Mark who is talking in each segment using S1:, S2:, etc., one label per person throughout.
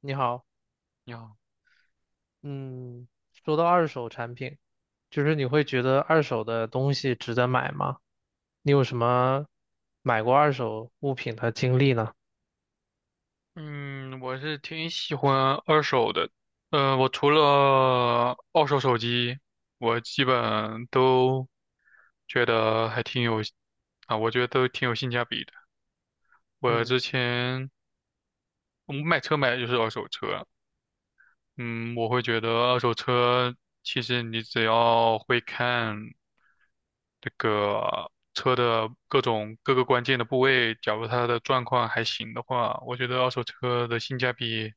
S1: 你好，
S2: 你好。
S1: 嗯，说到二手产品，就是你会觉得二手的东西值得买吗？你有什么买过二手物品的经历呢？
S2: 嗯，我是挺喜欢二手的，我除了二手手机，我基本都觉得还挺有，啊，我觉得都挺有性价比的。我
S1: 嗯，
S2: 之前我买车买的就是二手车。嗯，我会觉得二手车其实你只要会看这个车的各种各个关键的部位，假如它的状况还行的话，我觉得二手车的性价比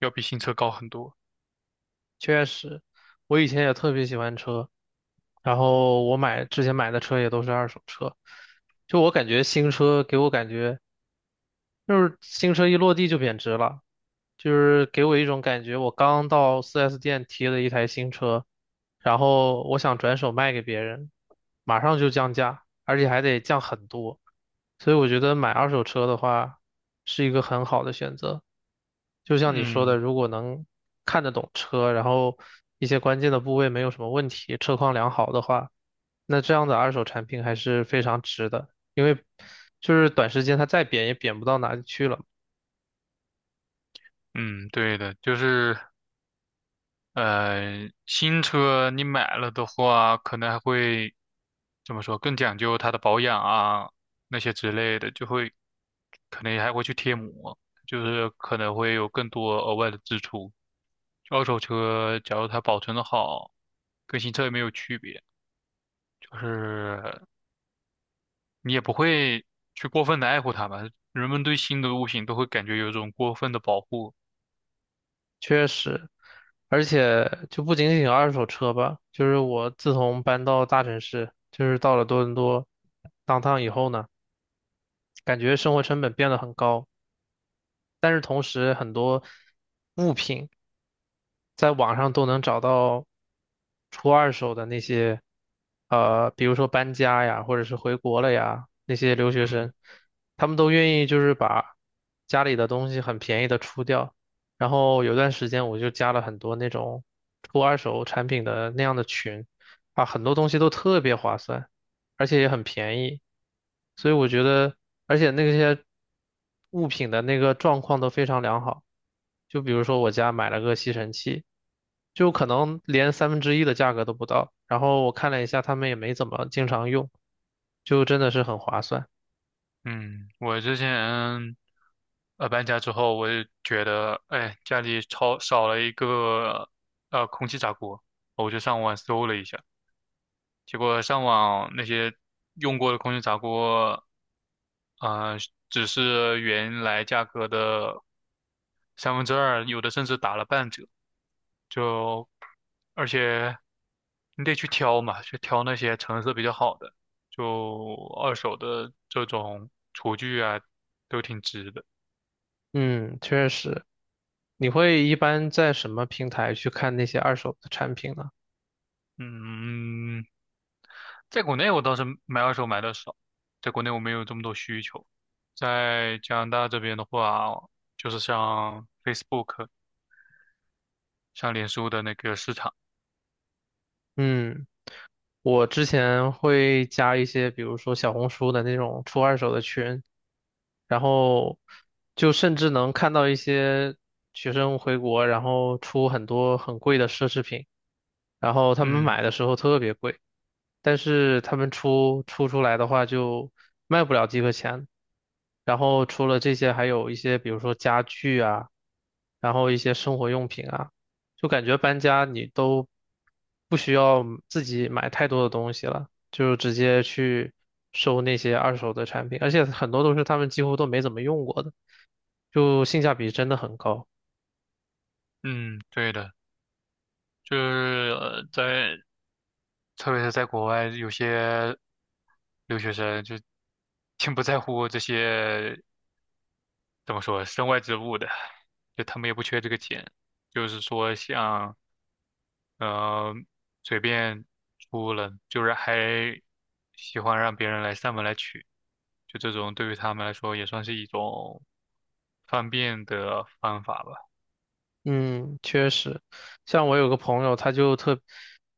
S2: 要比新车高很多。
S1: 确实，我以前也特别喜欢车，然后我买之前买的车也都是二手车，就我感觉新车给我感觉。就是新车一落地就贬值了，就是给我一种感觉，我刚到 4S 店提了一台新车，然后我想转手卖给别人，马上就降价，而且还得降很多，所以我觉得买二手车的话是一个很好的选择。就像你说的，
S2: 嗯
S1: 如果能看得懂车，然后一些关键的部位没有什么问题，车况良好的话，那这样的二手产品还是非常值的，因为就是短时间它再贬也贬不到哪里去了。
S2: 嗯，对的，就是新车你买了的话，可能还会怎么说，更讲究它的保养啊，那些之类的，就会可能还会去贴膜，就是可能会有更多额外的支出。二手车假如它保存的好，跟新车也没有区别，就是你也不会去过分的爱护它吧。人们对新的物品都会感觉有一种过分的保护。
S1: 确实，而且就不仅仅二手车吧，就是我自从搬到大城市，就是到了多伦多当 o 以后呢，感觉生活成本变得很高，但是同时很多物品，在网上都能找到出二手的那些，比如说搬家呀，或者是回国了呀，那些留学
S2: 嗯。
S1: 生，他们都愿意就是把家里的东西很便宜的出掉。然后有段时间我就加了很多那种出二手产品的那样的群，啊，很多东西都特别划算。而且也很便宜，所以我觉得，而且那些物品的那个状况都非常良好。就比如说我家买了个吸尘器，就可能连三分之一的价格都不到，然后我看了一下，他们也没怎么经常用，就真的是很划算。
S2: 嗯，我之前搬家之后，我就觉得，哎，家里超少了一个空气炸锅，我就上网搜了一下，结果上网那些用过的空气炸锅，呃，只是原来价格的三分之二，有的甚至打了半折。就而且你得去挑嘛，去挑那些成色比较好的，就二手的这种厨具啊，都挺值的。
S1: 嗯，确实。你会一般在什么平台去看那些二手的产品呢？
S2: 嗯，在国内我倒是买二手买的少，在国内我没有这么多需求。在加拿大这边的话，就是像 Facebook、像脸书的那个市场。
S1: 嗯，我之前会加一些，比如说小红书的那种出二手的群，然后就甚至能看到一些学生回国，然后出很多很贵的奢侈品，然后他们
S2: 嗯
S1: 买的时候特别贵，但是他们出来的话就卖不了几个钱。然后除了这些，还有一些比如说家具啊，然后一些生活用品啊，就感觉搬家你都不需要自己买太多的东西了。就直接去收那些二手的产品，而且很多都是他们几乎都没怎么用过的，就性价比真的很高。
S2: 嗯，对的，就是在特别是在国外，有些留学生就挺不在乎这些，怎么说，身外之物的，就他们也不缺这个钱，就是说像呃随便出了，就是还喜欢让别人来上门来取，就这种对于他们来说也算是一种方便的方法吧。
S1: 嗯，确实，像我有个朋友，他就特，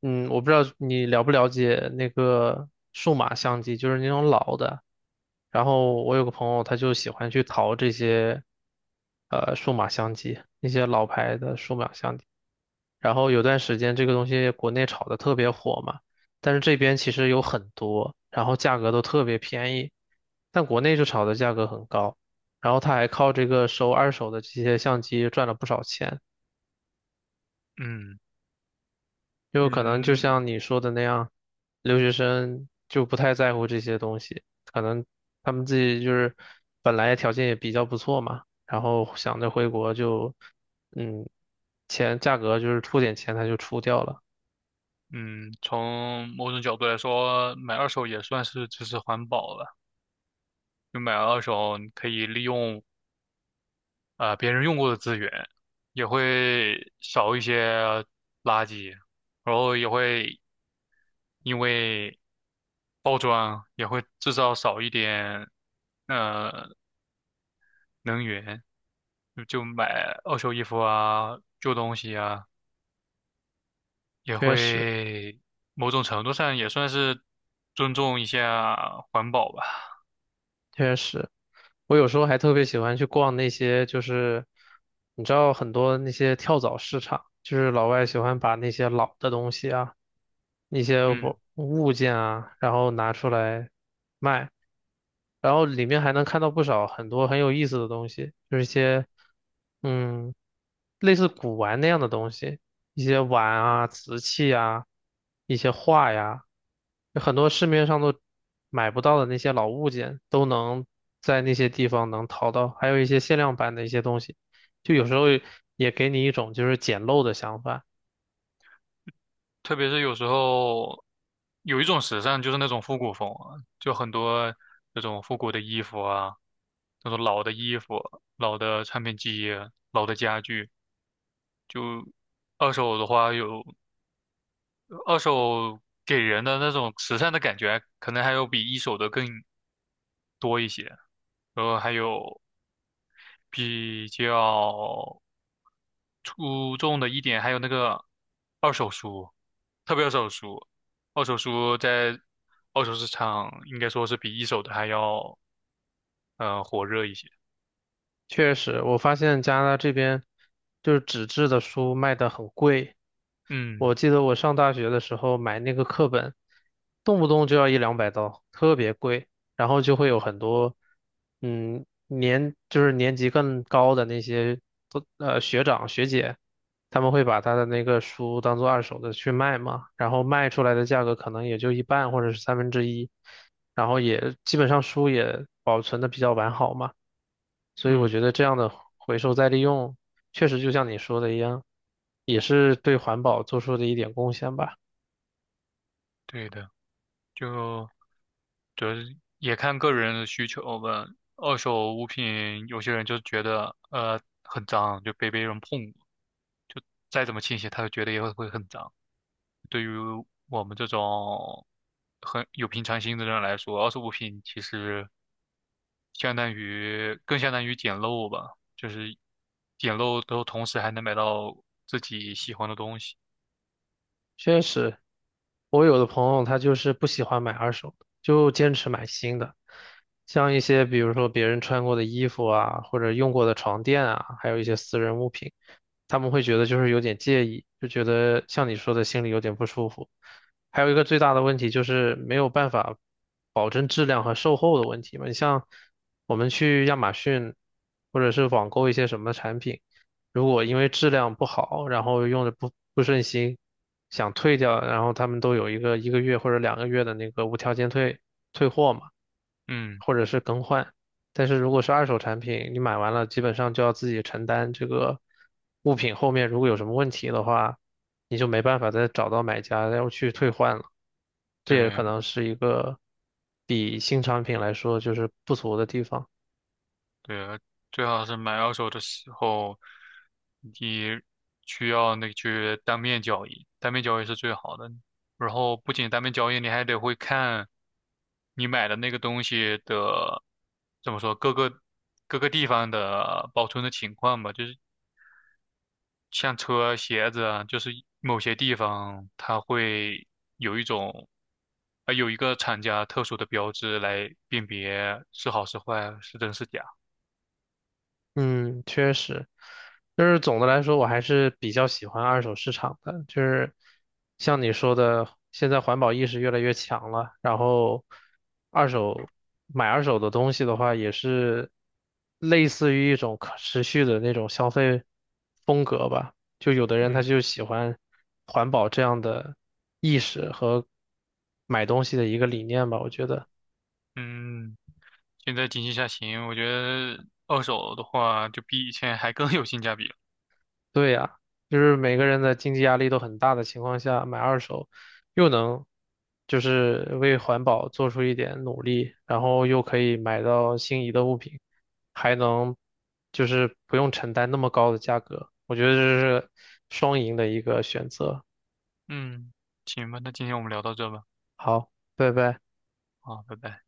S1: 我不知道你了不了解那个数码相机，就是那种老的。然后我有个朋友，他就喜欢去淘这些，数码相机，那些老牌的数码相机。然后有段时间这个东西国内炒的特别火嘛，但是这边其实有很多，然后价格都特别便宜，但国内就炒的价格很高，然后他还靠这个收二手的这些相机赚了不少钱，
S2: 嗯
S1: 就可能就
S2: 嗯
S1: 像你说的那样，留学生就不太在乎这些东西，可能他们自己就是本来条件也比较不错嘛，然后想着回国就，嗯，钱价格就是出点钱他就出掉了，
S2: 嗯，从某种角度来说，买二手也算是支持环保了。就买二手，你可以利用啊、别人用过的资源，也会少一些垃圾，然后也会因为包装也会制造少一点呃能源，就买二手衣服啊、旧东西啊，也
S1: 确实
S2: 会某种程度上也算是尊重一下环保吧。
S1: 确实。我有时候还特别喜欢去逛那些，就是你知道很多那些跳蚤市场，就是老外喜欢把那些老的东西啊，一些
S2: 嗯。
S1: 物件啊，然后拿出来卖，然后里面还能看到不少很多很有意思的东西，就是一些嗯类似古玩那样的东西，一些碗啊、瓷器啊、一些画呀，有很多市面上都买不到的那些老物件都能在那些地方能淘到，还有一些限量版的一些东西，就有时候也给你一种就是捡漏的想法。
S2: 特别是有时候有一种时尚就是那种复古风啊就很多那种复古的衣服啊，那种老的衣服、老的唱片机、老的家具，就二手的话有二手给人的那种时尚的感觉，可能还有比一手的更多一些。然后还有比较出众的一点，还有那个二手书。特别二手书，二手书在二手市场应该说是比一手的还要火热一些。
S1: 确实，我发现加拿大这边就是纸质的书卖的很贵。
S2: 嗯
S1: 我记得我上大学的时候买那个课本，动不动就要一两百刀，特别贵。然后就会有很多，嗯，年就是年级更高的那些都学长学姐，他们会把他的那个书当做二手的去卖嘛，然后卖出来的价格可能也就一半或者是三分之一，然后也基本上书也保存的比较完好嘛。所以我
S2: 嗯，
S1: 觉得这样的回收再利用，确实就像你说的一样，也是对环保做出的一点贡献吧。
S2: 对的，就主要是也看个人的需求吧。二手物品，有些人就觉得很脏，就被别人碰过，就再怎么清洗，他都觉得也会很脏。对于我们这种很有平常心的人来说，二手物品其实相当于捡漏吧，就是捡漏都同时还能买到自己喜欢的东西。
S1: 确实，我有的朋友他就是不喜欢买二手的，就坚持买新的，像一些比如说别人穿过的衣服啊，或者用过的床垫啊，还有一些私人物品。他们会觉得就是有点介意，就觉得像你说的心里有点不舒服。还有一个最大的问题就是没有办法保证质量和售后的问题嘛。你像我们去亚马逊或者是网购一些什么产品，如果因为质量不好，然后用的不顺心，想退掉，然后他们都有一个一个月或者两个月的那个无条件退货嘛，
S2: 嗯，
S1: 或者是更换。但是如果是二手产品，你买完了基本上就要自己承担这个物品后面如果有什么问题的话，你就没办法再找到买家要去退换了。这也可
S2: 对。
S1: 能是一个比新产品来说就是不足的地方。
S2: 对啊，最好是买二手的时候，你需要那个去当面交易，当面交易是最好的。然后不仅当面交易，你还得会看你买的那个东西的，怎么说，各个地方的保存的情况吧。就是像车、鞋子啊，就是某些地方它会有一种，啊、有一个厂家特殊的标志来辨别是好是坏，是真是假。
S1: 嗯，确实，就是总的来说，我还是比较喜欢二手市场的。就是像你说的，现在环保意识越来越强了，然后二手买二手的东西的话，也是类似于一种可持续的那种消费风格吧。就有的人他
S2: 嗯
S1: 就喜欢环保这样的意识和买东西的一个理念吧，我觉得。
S2: 嗯。现在经济下行，我觉得二手的话就比以前还更有性价比了。
S1: 对呀，就是每个人的经济压力都很大的情况下，买二手又能就是为环保做出一点努力，然后又可以买到心仪的物品，还能就是不用承担那么高的价格，我觉得这是双赢的一个选择。
S2: 嗯，行吧，那今天我们聊到这吧，
S1: 好，拜拜。
S2: 好，拜拜。